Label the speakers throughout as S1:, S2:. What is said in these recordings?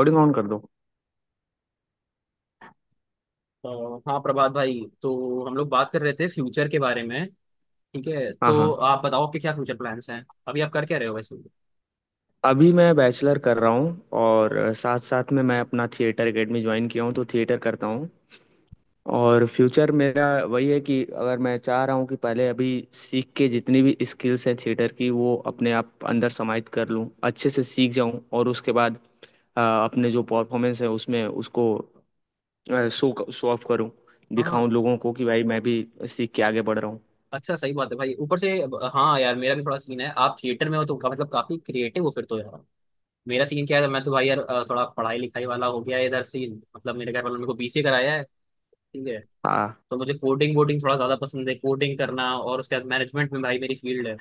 S1: Recording on कर दो।
S2: अ, हाँ प्रभात भाई, तो हम लोग बात कर रहे थे फ्यूचर के बारे में। ठीक है,
S1: हाँ
S2: तो
S1: हाँ।
S2: आप बताओ आपके क्या फ्यूचर प्लान्स हैं? अभी आप कर क्या रहे हो वैसे?
S1: अभी मैं बैचलर कर रहा हूँ, और साथ साथ में मैं अपना थिएटर एकेडमी ज्वाइन किया हूँ, तो थिएटर करता हूँ। और फ्यूचर मेरा वही है कि अगर मैं चाह रहा हूँ कि पहले अभी सीख के जितनी भी स्किल्स हैं थिएटर की, वो अपने आप अंदर समाहित कर लूँ, अच्छे से सीख जाऊँ, और उसके बाद अपने जो परफॉर्मेंस है उसमें उसको शो शो ऑफ करूँ,
S2: हाँ,
S1: दिखाऊं लोगों को कि भाई मैं भी सीख के आगे बढ़ रहा हूँ।
S2: अच्छा सही बात है भाई, ऊपर से। हाँ यार, मेरा भी थोड़ा सीन है। आप थिएटर में हो तो मतलब काफी क्रिएटिव हो फिर तो यार। मेरा सीन क्या है, मैं तो भाई यार थोड़ा पढ़ाई लिखाई वाला हो गया है इधर से। मतलब मेरे घर वालों ने मेरे को बीसीए कराया है। ठीक है,
S1: हाँ।
S2: तो मुझे कोडिंग वोडिंग थोड़ा ज्यादा पसंद है, कोडिंग करना, और उसके बाद मैनेजमेंट में भाई मेरी फील्ड है।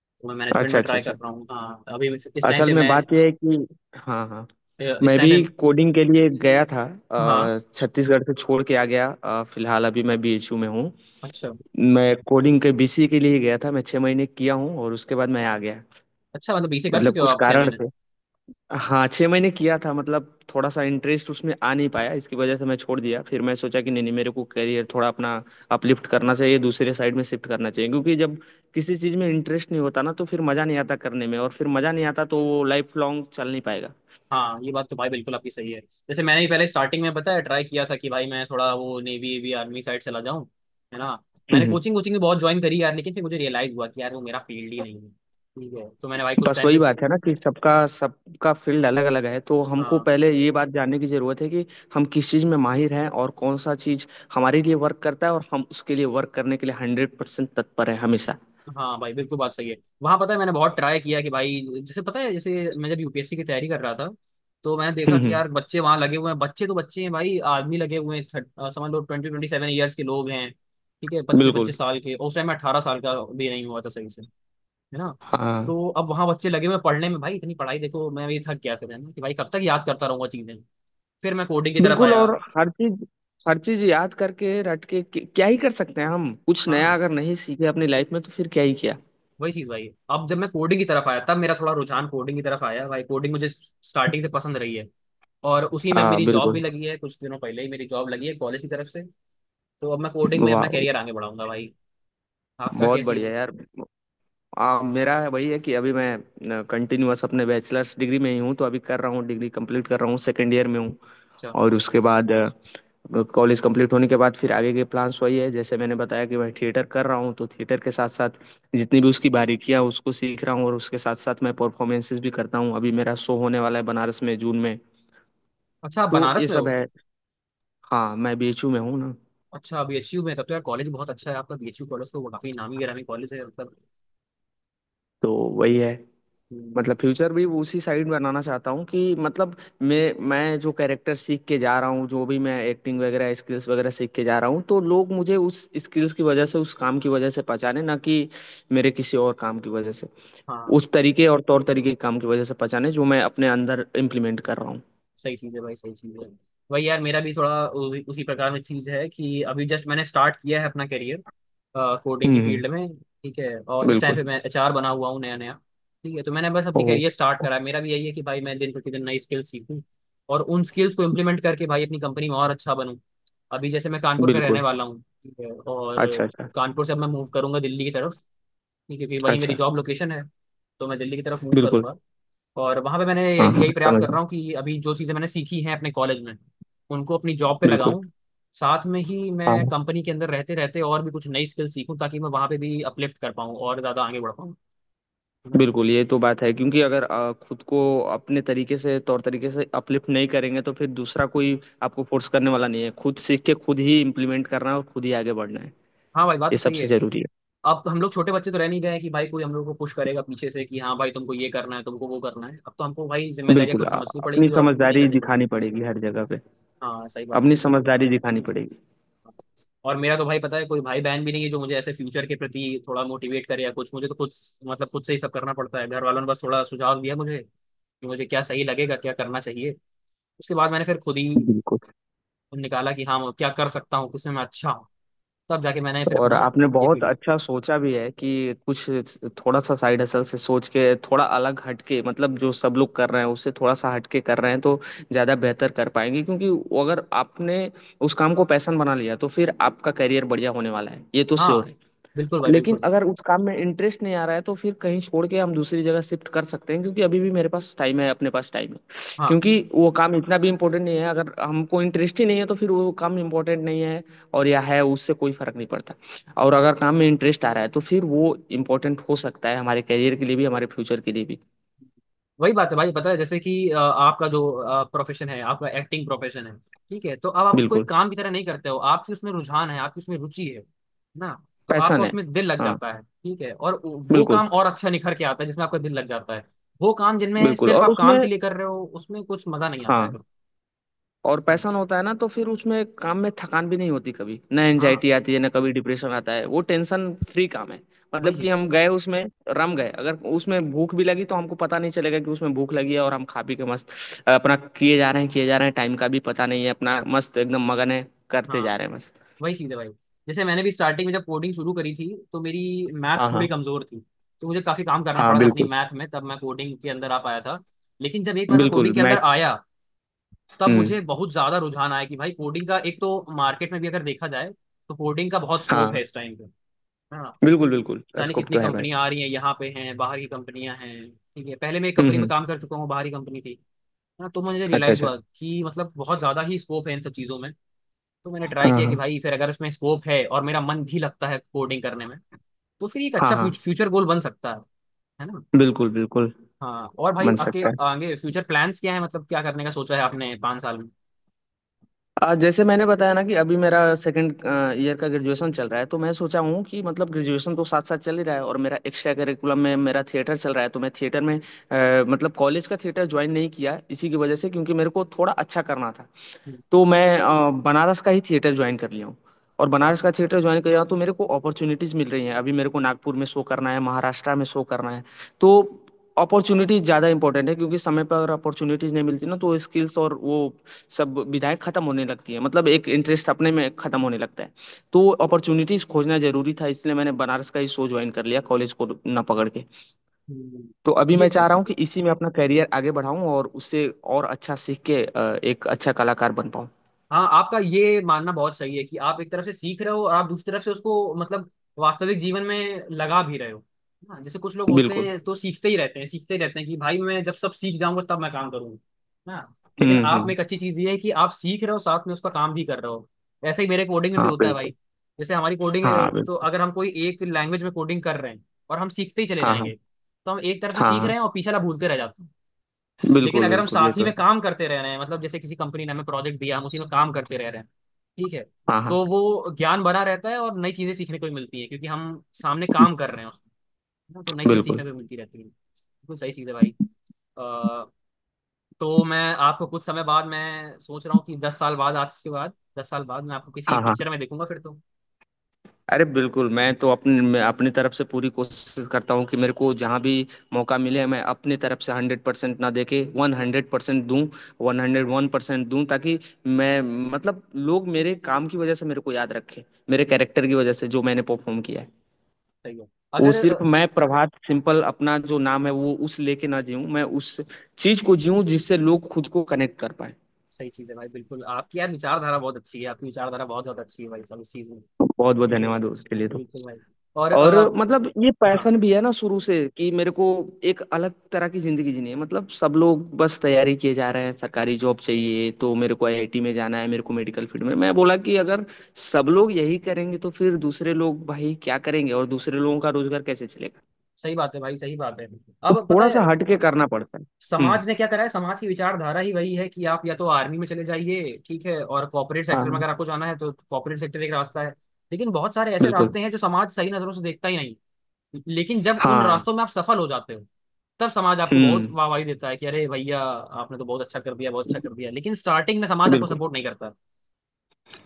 S2: तो मैं मैनेजमेंट
S1: अच्छा
S2: में
S1: अच्छा
S2: ट्राई
S1: अच्छा।
S2: कर रहा हूँ, हाँ अभी इस टाइम
S1: असल
S2: पे
S1: में
S2: मैं,
S1: बात यह है कि हाँ हाँ
S2: इस
S1: मैं
S2: टाइम
S1: भी
S2: पे।
S1: कोडिंग के लिए गया था।
S2: हाँ,
S1: छत्तीसगढ़ से छोड़ के आ गया। फिलहाल अभी मैं बीएचयू में हूँ।
S2: अच्छा
S1: मैं कोडिंग के बीसी के लिए गया था, मैं छः महीने किया हूँ और उसके बाद मैं आ गया,
S2: अच्छा, मतलब बीसी कर
S1: मतलब
S2: चुके हो
S1: कुछ
S2: आप छह
S1: कारण
S2: महीने
S1: थे। हाँ, छः महीने किया था, मतलब थोड़ा सा इंटरेस्ट उसमें आ नहीं पाया, इसकी वजह से मैं छोड़ दिया। फिर मैं सोचा कि नहीं नहीं, मेरे को करियर थोड़ा अपना अपलिफ्ट करना चाहिए, दूसरे साइड में शिफ्ट करना चाहिए, क्योंकि जब किसी चीज़ में इंटरेस्ट नहीं होता ना, तो फिर मज़ा नहीं आता करने में, और फिर मज़ा नहीं आता तो वो लाइफ लॉन्ग चल नहीं पाएगा।
S2: हाँ ये बात तो भाई बिल्कुल आपकी सही है। जैसे मैंने ही पहले स्टार्टिंग में बताया, ट्राई किया था कि भाई मैं थोड़ा वो नेवी एवी आर्मी साइड चला जाऊँ, है ना।
S1: हम्म,
S2: मैंने
S1: हम्म।
S2: कोचिंग कोचिंग भी बहुत ज्वाइन करी यार, लेकिन फिर मुझे रियलाइज हुआ कि यार वो मेरा फील्ड ही नहीं है। ठीक है, तो मैंने भाई कुछ
S1: बस
S2: टाइम
S1: वही
S2: पे,
S1: बात है ना कि सबका सबका फील्ड अलग अलग है, तो हमको
S2: हाँ
S1: पहले ये बात जानने की जरूरत है कि हम किस चीज में माहिर हैं और कौन सा चीज हमारे लिए वर्क करता है, और हम उसके लिए वर्क करने के लिए हंड्रेड परसेंट तत्पर है हमेशा।
S2: हाँ भाई बिल्कुल बात सही है। वहां पता है मैंने बहुत ट्राई किया कि भाई, जैसे पता है जैसे मैं जब यूपीएससी की तैयारी कर रहा था, तो मैंने देखा
S1: हम्म
S2: कि
S1: हम्म,
S2: यार बच्चे वहां लगे हुए हैं, बच्चे तो बच्चे हैं भाई, आदमी लगे हुए हैं, समझ लो 20-27 ईयर्स के लोग हैं। ठीक है, पच्चीस
S1: बिल्कुल।
S2: पच्चीस साल के, और उस टाइम 18 साल का भी नहीं हुआ था सही से, है ना।
S1: हाँ,
S2: तो अब वहां बच्चे लगे हुए हैं पढ़ने में भाई, इतनी पढ़ाई, देखो मैं भी थक गया फिर, है ना, कि भाई कब तक याद करता रहूंगा चीजें। फिर मैं कोडिंग की तरफ
S1: बिल्कुल।
S2: आया।
S1: और हर चीज, हर चीज याद करके रट के क्या ही कर सकते हैं, हम कुछ नया
S2: हाँ,
S1: अगर नहीं सीखे अपनी लाइफ में तो फिर क्या ही किया।
S2: वही चीज भाई, अब जब मैं कोडिंग की तरफ आया तब मेरा थोड़ा रुझान कोडिंग की तरफ आया। भाई कोडिंग मुझे स्टार्टिंग से पसंद रही है, और उसी में अब
S1: हाँ,
S2: मेरी जॉब भी
S1: बिल्कुल।
S2: लगी है, कुछ दिनों पहले ही मेरी जॉब लगी है कॉलेज की तरफ से। तो अब मैं कोडिंग में
S1: वाह,
S2: अपना करियर आगे बढ़ाऊंगा भाई। आपका
S1: बहुत
S2: क्या सीन है?
S1: बढ़िया यार। मेरा है वही है कि अभी मैं कंटिन्यूअस अपने बैचलर्स डिग्री में ही हूँ, तो अभी कर रहा हूँ, डिग्री कंप्लीट कर रहा हूँ, सेकेंड ईयर में हूँ।
S2: अच्छा
S1: और उसके बाद कॉलेज कंप्लीट होने के बाद फिर आगे के प्लान्स वही है, जैसे मैंने बताया कि मैं थिएटर कर रहा हूँ, तो थिएटर के साथ साथ जितनी भी उसकी बारीकियाँ हैं, उसको सीख रहा हूँ, और उसके साथ साथ मैं परफॉर्मेंसेस भी करता हूँ। अभी मेरा शो होने वाला है बनारस में जून में,
S2: अच्छा, आप
S1: तो
S2: बनारस
S1: ये
S2: में
S1: सब
S2: हो?
S1: है। हाँ, मैं बीएचयू में हूँ ना।
S2: अच्छा, बीएचयू में, तब तो यार कॉलेज बहुत अच्छा है आपका। बीएचयू कॉलेज तो वो काफी नामी गिरामी कॉलेज है मतलब।
S1: तो वही है,
S2: हम्म,
S1: मतलब फ्यूचर भी उसी साइड बनाना चाहता हूँ कि मतलब मैं जो कैरेक्टर सीख के जा रहा हूँ, जो भी मैं एक्टिंग वगैरह स्किल्स वगैरह सीख के जा रहा हूँ, तो लोग मुझे उस स्किल्स की वजह से, उस काम की वजह से पहचाने, ना कि मेरे किसी और काम की वजह से।
S2: हाँ
S1: उस तरीके और तौर तरीके के काम की वजह से पहचाने जो मैं अपने अंदर इम्प्लीमेंट कर रहा हूँ।
S2: सही चीज़ है भाई, सही चीज़ है। वही यार, मेरा भी थोड़ा उसी प्रकार में चीज़ है कि अभी जस्ट मैंने स्टार्ट किया है अपना करियर कोडिंग
S1: हम्म
S2: की
S1: हम्म,
S2: फील्ड में। ठीक है, और इस टाइम
S1: बिल्कुल।
S2: पे मैं एचआर बना हुआ हूँ नया नया। ठीक है, तो मैंने बस अपनी
S1: ओह।
S2: करियर स्टार्ट करा है। मेरा भी यही है कि भाई मैं दिन प्रतिदिन नई स्किल्स सीखूं, और उन स्किल्स को इम्प्लीमेंट करके भाई अपनी कंपनी में और अच्छा बनूं। अभी जैसे मैं कानपुर का रहने
S1: बिल्कुल।
S2: वाला हूँ, ठीक है,
S1: अच्छा
S2: और
S1: अच्छा
S2: कानपुर से अब मैं मूव करूंगा दिल्ली की तरफ, ठीक है, क्योंकि वही मेरी
S1: अच्छा।
S2: जॉब लोकेशन है। तो मैं दिल्ली की तरफ मूव
S1: बिल्कुल।
S2: करूंगा, और वहां पे मैंने
S1: हाँ
S2: यही
S1: हाँ,
S2: यही प्रयास
S1: समझ
S2: कर
S1: गया।
S2: रहा हूँ कि अभी जो चीजें मैंने सीखी हैं अपने कॉलेज में, उनको अपनी जॉब पे
S1: बिल्कुल।
S2: लगाऊं। साथ में ही
S1: हाँ,
S2: मैं
S1: हाँ।
S2: कंपनी के अंदर रहते रहते और भी कुछ नई स्किल सीखूं, ताकि मैं वहां पे भी अपलिफ्ट कर पाऊँ और ज्यादा आगे बढ़ पाऊँ, है ना।
S1: बिल्कुल, ये तो बात है क्योंकि अगर खुद को अपने तरीके से, तौर तरीके से अपलिफ्ट नहीं करेंगे तो फिर दूसरा कोई आपको फोर्स करने वाला नहीं है। खुद सीख के खुद ही इम्प्लीमेंट करना है और खुद ही आगे बढ़ना है,
S2: हाँ भाई बात
S1: ये
S2: तो सही
S1: सबसे
S2: है।
S1: जरूरी
S2: अब हम लोग छोटे बच्चे तो रह नहीं गए हैं कि भाई कोई हम लोग को पुश करेगा पीछे से कि हाँ भाई तुमको ये करना है तुमको वो करना है। अब तो हमको भाई
S1: है।
S2: जिम्मेदारियां
S1: बिल्कुल।
S2: खुद समझनी
S1: अपनी
S2: पड़ेंगी और खुद ही
S1: समझदारी
S2: करनी
S1: दिखानी
S2: पड़ेंगी।
S1: पड़ेगी हर जगह पे।
S2: हाँ सही बात है,
S1: अपनी
S2: बिल्कुल सही।
S1: समझदारी दिखानी पड़ेगी।
S2: और मेरा तो भाई पता है कोई भाई बहन भी नहीं है जो मुझे ऐसे फ्यूचर के प्रति थोड़ा मोटिवेट करे या कुछ। मुझे तो खुद, मतलब खुद से ही सब करना पड़ता है। घर वालों ने बस थोड़ा सुझाव दिया मुझे कि मुझे क्या सही लगेगा, क्या करना चाहिए। उसके बाद मैंने फिर खुद ही
S1: बिल्कुल।
S2: निकाला कि हाँ मैं क्या कर सकता हूँ, किसमें मैं अच्छा हूँ। तब जाके मैंने फिर
S1: और
S2: अपना
S1: आपने
S2: ये
S1: बहुत
S2: फील्ड।
S1: अच्छा सोचा भी है कि कुछ थोड़ा सा साइड हसल से सोच के, थोड़ा अलग हटके, मतलब जो सब लोग कर रहे हैं उससे थोड़ा सा हटके कर रहे हैं, तो ज़्यादा बेहतर कर पाएंगे। क्योंकि वो अगर आपने उस काम को पैशन बना लिया तो फिर आपका करियर बढ़िया होने वाला है, ये तो श्योर
S2: हाँ
S1: है।
S2: बिल्कुल भाई,
S1: लेकिन
S2: बिल्कुल।
S1: अगर उस काम में इंटरेस्ट नहीं आ रहा है तो फिर कहीं छोड़ के हम दूसरी जगह शिफ्ट कर सकते हैं, क्योंकि अभी भी मेरे पास टाइम है, अपने पास टाइम है।
S2: हाँ
S1: क्योंकि वो काम इतना भी इम्पोर्टेंट नहीं है, अगर हमको इंटरेस्ट ही नहीं है तो फिर वो काम इम्पोर्टेंट नहीं है और या है उससे कोई फर्क नहीं पड़ता। और अगर काम में इंटरेस्ट आ रहा है तो फिर वो इम्पोर्टेंट हो सकता है हमारे करियर के लिए भी, हमारे फ्यूचर के लिए भी।
S2: वही बात है भाई, पता है जैसे कि आपका जो प्रोफेशन है, आपका एक्टिंग प्रोफेशन है, ठीक है, तो अब आप उसको एक
S1: बिल्कुल।
S2: काम की तरह नहीं करते हो, आपकी उसमें रुझान है, आपकी उसमें रुचि है, ना, तो आपका
S1: पैसन है।
S2: उसमें दिल लग
S1: हाँ,
S2: जाता है, ठीक है, और वो
S1: बिल्कुल।
S2: काम और अच्छा निखर के आता है जिसमें आपका दिल लग जाता है। वो काम जिनमें
S1: बिल्कुल
S2: सिर्फ
S1: और
S2: आप काम
S1: उसमें,
S2: के लिए कर रहे हो, उसमें कुछ मजा नहीं आता है
S1: हाँ,
S2: फिर।
S1: और पैशन होता है ना तो फिर उसमें काम में थकान भी नहीं होती, कभी ना
S2: हाँ
S1: एंजाइटी आती है ना कभी डिप्रेशन आता है, वो टेंशन फ्री काम है।
S2: वही
S1: मतलब कि
S2: चीज,
S1: हम गए उसमें, रम गए, अगर उसमें भूख भी लगी तो हमको पता नहीं चलेगा कि उसमें भूख लगी है, और हम खा पी के मस्त अपना किए जा रहे हैं, किए जा रहे हैं, टाइम का भी पता नहीं है, अपना मस्त एकदम मगन है, करते
S2: हाँ
S1: जा रहे हैं मस्त।
S2: वही चीज़ है भाई। जैसे मैंने भी स्टार्टिंग में जब कोडिंग शुरू करी थी तो मेरी
S1: हाँ
S2: मैथ थोड़ी
S1: हाँ।
S2: कमजोर थी। तो मुझे काफी काम करना
S1: हाँ,
S2: पड़ा था अपनी
S1: बिल्कुल।
S2: मैथ में, तब मैं कोडिंग के अंदर आ पाया था। लेकिन जब एक बार मैं
S1: बिल्कुल।
S2: कोडिंग के
S1: मैं।
S2: अंदर आया, तब
S1: हम्म।
S2: मुझे बहुत ज्यादा रुझान आया कि भाई कोडिंग का एक तो मार्केट में भी अगर देखा जाए तो कोडिंग का बहुत स्कोप है
S1: हाँ।
S2: इस टाइम पे, है ना।
S1: बिल्कुल बिल्कुल,
S2: जाने
S1: स्कोप
S2: कितनी
S1: तो है भाई।
S2: कंपनियां आ रही हैं यहाँ पे, हैं बाहर की कंपनियां, हैं। ठीक है, पहले मैं एक कंपनी में
S1: हम्म।
S2: काम कर चुका हूँ, बाहर की कंपनी थी, है ना। तो मुझे
S1: अच्छा
S2: रियलाइज
S1: अच्छा।
S2: हुआ कि मतलब बहुत ज्यादा ही स्कोप है इन सब चीजों में। तो मैंने ट्राई
S1: हाँ
S2: किया कि
S1: हाँ।
S2: भाई फिर अगर उसमें स्कोप है और मेरा मन भी लगता है कोडिंग करने में, तो फिर ये एक
S1: हाँ
S2: अच्छा
S1: हाँ।
S2: फ्यूचर गोल बन सकता है ना।
S1: बिल्कुल बिल्कुल।
S2: हाँ, और भाई
S1: बन
S2: आपके
S1: सकता है।
S2: आगे फ्यूचर प्लान्स क्या है, मतलब क्या करने का सोचा है आपने 5 साल में?
S1: आज जैसे मैंने बताया ना कि अभी मेरा सेकंड ईयर का ग्रेजुएशन चल रहा है, तो मैं सोचा हूँ कि मतलब ग्रेजुएशन तो साथ साथ चल ही रहा है, और मेरा एक्स्ट्रा करिकुलम में मेरा थिएटर चल रहा है, तो मैं थिएटर में मतलब कॉलेज का थिएटर ज्वाइन नहीं किया इसी की वजह से, क्योंकि मेरे को थोड़ा अच्छा करना था।
S2: हम्म,
S1: तो मैं बनारस का ही थिएटर ज्वाइन कर लिया हूँ, और
S2: हाँ,
S1: बनारस का थिएटर ज्वाइन कर लिया हूँ, तो मेरे को अपॉर्चुनिटीज मिल रही हैं। अभी मेरे को नागपुर में शो करना है, महाराष्ट्र में शो करना है। तो अपॉर्चुनिटीज ज़्यादा इंपॉर्टेंट है, क्योंकि समय पर अगर अपॉर्चुनिटीज नहीं मिलती ना तो स्किल्स और वो सब विधाएं खत्म होने लगती है, मतलब एक इंटरेस्ट अपने में खत्म होने लगता है। तो अपॉर्चुनिटीज खोजना जरूरी था, इसलिए मैंने बनारस का ही शो ज्वाइन कर लिया कॉलेज को ना पकड़ के।
S2: हम्म,
S1: तो अभी
S2: ये
S1: मैं
S2: सही
S1: चाह रहा
S2: चीज
S1: हूँ
S2: है।
S1: कि इसी में अपना करियर आगे बढ़ाऊँ, और उससे और अच्छा सीख के एक अच्छा कलाकार बन पाऊँ।
S2: हाँ आपका ये मानना बहुत सही है कि आप एक तरफ से सीख रहे हो और आप दूसरी तरफ से उसको मतलब वास्तविक जीवन में लगा भी रहे हो। हाँ जैसे कुछ लोग होते
S1: बिल्कुल।
S2: हैं तो सीखते ही रहते हैं, सीखते ही रहते हैं कि भाई मैं जब सब सीख जाऊंगा तब मैं काम करूंगा। हाँ, लेकिन
S1: हुँ,
S2: आप में
S1: हुँ।
S2: एक अच्छी चीज ये है कि आप सीख रहे हो, साथ में उसका काम भी कर रहे हो। ऐसा ही मेरे कोडिंग में भी
S1: हाँ,
S2: होता है भाई।
S1: बिल्कुल।
S2: जैसे हमारी कोडिंग,
S1: हाँ,
S2: तो
S1: बिल्कुल।
S2: अगर हम कोई एक लैंग्वेज में कोडिंग कर रहे हैं और हम सीखते ही चले
S1: हाँ, हाँ।
S2: जाएंगे, तो हम एक तरफ से
S1: हाँ,
S2: सीख
S1: हाँ।
S2: रहे हैं और पीछे वाला भूलते रह जाते हैं। लेकिन
S1: बिल्कुल,
S2: अगर हम
S1: बिल्कुल, ये
S2: साथ ही
S1: तो
S2: में
S1: है।
S2: काम करते रह रहे हैं, मतलब जैसे किसी कंपनी ने हमें प्रोजेक्ट दिया, हम उसी में काम करते रह रहे हैं, ठीक है,
S1: हाँ, हाँ।
S2: तो वो ज्ञान बना रहता है, और नई चीजें सीखने को भी मिलती हैं क्योंकि हम सामने काम कर रहे हैं उसमें, है ना। तो नई चीजें
S1: बिल्कुल।
S2: सीखने को भी मिलती रहती हैं, बिल्कुल सही चीज़ है भाई। अ, तो मैं आपको कुछ समय बाद, मैं सोच रहा हूँ कि 10 साल बाद, आज के बाद 10 साल बाद मैं आपको किसी
S1: हाँ, हाँ।
S2: पिक्चर में देखूंगा फिर तो।
S1: अरे बिल्कुल, मैं तो अपने मैं अपनी तरफ से पूरी कोशिश करता हूँ कि मेरे को जहाँ भी मौका मिले, मैं अपनी तरफ से 100% ना देके 100% दूँ, 101% दूँ, ताकि मैं, मतलब लोग मेरे काम की वज़ह से मेरे को याद रखें, मेरे कैरेक्टर की वज़ह से जो मैंने परफ़ॉर्म किया है।
S2: सही है।
S1: वो
S2: अगर
S1: सिर्फ मैं प्रभात सिंपल अपना जो नाम है वो उस लेके ना जीऊं, मैं उस चीज को जीऊं जिससे लोग खुद को कनेक्ट कर पाए।
S2: सही चीज़ है भाई, बिल्कुल। आपकी यार विचारधारा बहुत अच्छी है, आपकी विचारधारा बहुत ज़्यादा अच्छी है भाई, सब इस चीज़ में।
S1: बहुत बहुत
S2: ठीक है
S1: धन्यवाद उसके लिए
S2: भाई,
S1: तो।
S2: बिल्कुल भाई। और
S1: और मतलब ये
S2: हाँ
S1: पैशन भी है ना शुरू से कि मेरे को एक अलग तरह की जिंदगी जीनी है। मतलब सब लोग बस तैयारी किए जा रहे हैं, सरकारी जॉब चाहिए तो मेरे को आईआईटी में जाना है, मेरे को मेडिकल फील्ड में। मैं बोला कि अगर सब लोग यही करेंगे तो फिर दूसरे लोग भाई क्या करेंगे, और दूसरे लोगों का रोजगार कैसे चलेगा।
S2: सही बात है भाई, सही बात है।
S1: तो
S2: अब पता
S1: थोड़ा सा
S2: है
S1: हट के करना पड़ता है। हम्म।
S2: समाज ने क्या करा है, समाज की विचारधारा ही वही है कि आप या तो आर्मी में चले जाइए, ठीक है, और कॉर्पोरेट सेक्टर में
S1: हाँ।
S2: अगर आपको जाना है तो कॉर्पोरेट सेक्टर एक रास्ता है। लेकिन बहुत सारे ऐसे
S1: बिल्कुल।
S2: रास्ते हैं जो समाज सही नजरों से देखता ही नहीं। लेकिन जब उन
S1: हाँ।
S2: रास्तों में आप सफल हो जाते हो, तब समाज आपको बहुत
S1: हुँ।
S2: वाहवाही देता है कि अरे भैया आपने तो बहुत अच्छा कर दिया, बहुत अच्छा कर दिया, लेकिन स्टार्टिंग में समाज आपको
S1: बिल्कुल,
S2: सपोर्ट नहीं करता।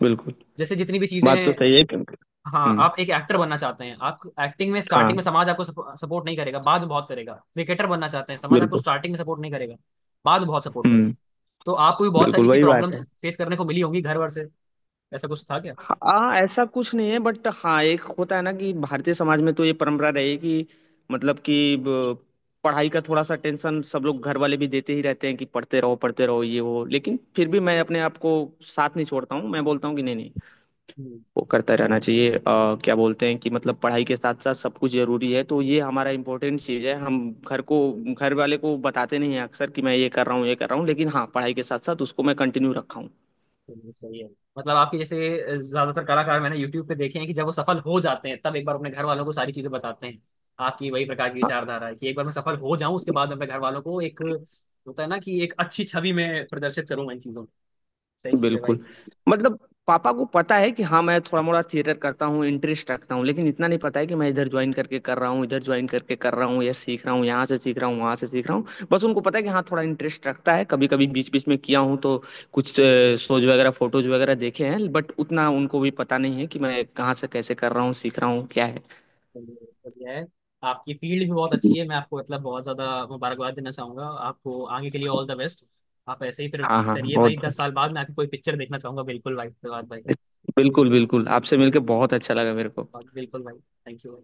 S1: बिल्कुल।
S2: जैसे जितनी भी चीजें
S1: बात
S2: हैं,
S1: तो सही है क्योंकि,
S2: हाँ
S1: हुँ,
S2: आप एक एक्टर बनना चाहते हैं, आप एक्टिंग में
S1: हाँ,
S2: स्टार्टिंग में समाज आपको सपोर्ट नहीं करेगा, बाद में बहुत करेगा। क्रिकेटर बनना चाहते हैं, समाज आपको
S1: बिल्कुल।
S2: स्टार्टिंग में सपोर्ट नहीं करेगा, बाद में बहुत सपोर्ट करेगा।
S1: हुँ,
S2: तो आपको भी बहुत सारी
S1: बिल्कुल
S2: ऐसी
S1: वही बात
S2: प्रॉब्लम्स
S1: है।
S2: फेस करने को मिली होंगी घर वर से, ऐसा कुछ था क्या?
S1: हाँ, ऐसा कुछ नहीं है बट हाँ, एक होता है ना कि भारतीय समाज में तो ये परंपरा रही है कि, मतलब कि ब पढ़ाई का थोड़ा-सा टेंशन सब लोग, घर वाले भी देते ही रहते हैं कि पढ़ते रहो, ये वो। लेकिन फिर भी मैं अपने आप को साथ नहीं छोड़ता हूँ, मैं बोलता हूँ कि नहीं, नहीं,
S2: हम्म,
S1: वो करता रहना चाहिए। क्या बोलते हैं कि मतलब पढ़ाई के साथ साथ सब कुछ जरूरी है, तो ये हमारा इम्पोर्टेंट चीज़ है। हम घर को, घर वाले को बताते नहीं हैं अक्सर कि मैं ये कर रहा हूँ, ये कर रहा हूँ, लेकिन हाँ पढ़ाई के साथ साथ उसको मैं कंटिन्यू रखा हूँ।
S2: चलिए, सही है। मतलब आपके जैसे ज्यादातर कलाकार मैंने यूट्यूब पे देखे हैं कि जब वो सफल हो जाते हैं, तब एक बार अपने घर वालों को सारी चीजें बताते हैं। आपकी वही प्रकार की विचारधारा है कि एक बार मैं सफल हो जाऊं उसके बाद अपने घर वालों को, एक होता है ना कि एक अच्छी छवि में प्रदर्शित करूंगा इन चीजों को। सही चीज है भाई।
S1: बिल्कुल। मतलब पापा को पता है कि हाँ मैं थोड़ा मोड़ा थिएटर करता हूँ, इंटरेस्ट रखता हूँ, लेकिन इतना नहीं पता है कि मैं इधर ज्वाइन करके कर रहा हूँ, इधर ज्वाइन करके कर रहा हूँ, या सीख रहा हूँ, यहाँ से सीख रहा हूँ, वहाँ से सीख रहा हूँ। बस उनको पता है कि हाँ थोड़ा इंटरेस्ट रखता है, कभी कभी बीच बीच में किया हूँ तो कुछ शोज वगैरह फोटोज वगैरह देखे हैं, बट उतना उनको भी पता नहीं है कि मैं कहाँ से कैसे कर रहा हूँ, सीख रहा हूँ, क्या है।
S2: चलिए, बढ़िया है। आपकी फील्ड भी बहुत अच्छी है, मैं आपको मतलब बहुत ज्यादा मुबारकबाद देना चाहूंगा, आपको आगे के लिए ऑल द बेस्ट। आप ऐसे ही फिर
S1: हाँ हाँ,
S2: करिए भाई,
S1: बहुत।
S2: 10 साल बाद मैं आपकी कोई पिक्चर देखना चाहूंगा, बिल्कुल भाई, धन्यवाद भाई। ठीक
S1: बिल्कुल बिल्कुल, आपसे मिलके बहुत अच्छा लगा मेरे को।
S2: है, बिल्कुल भाई। Thank you.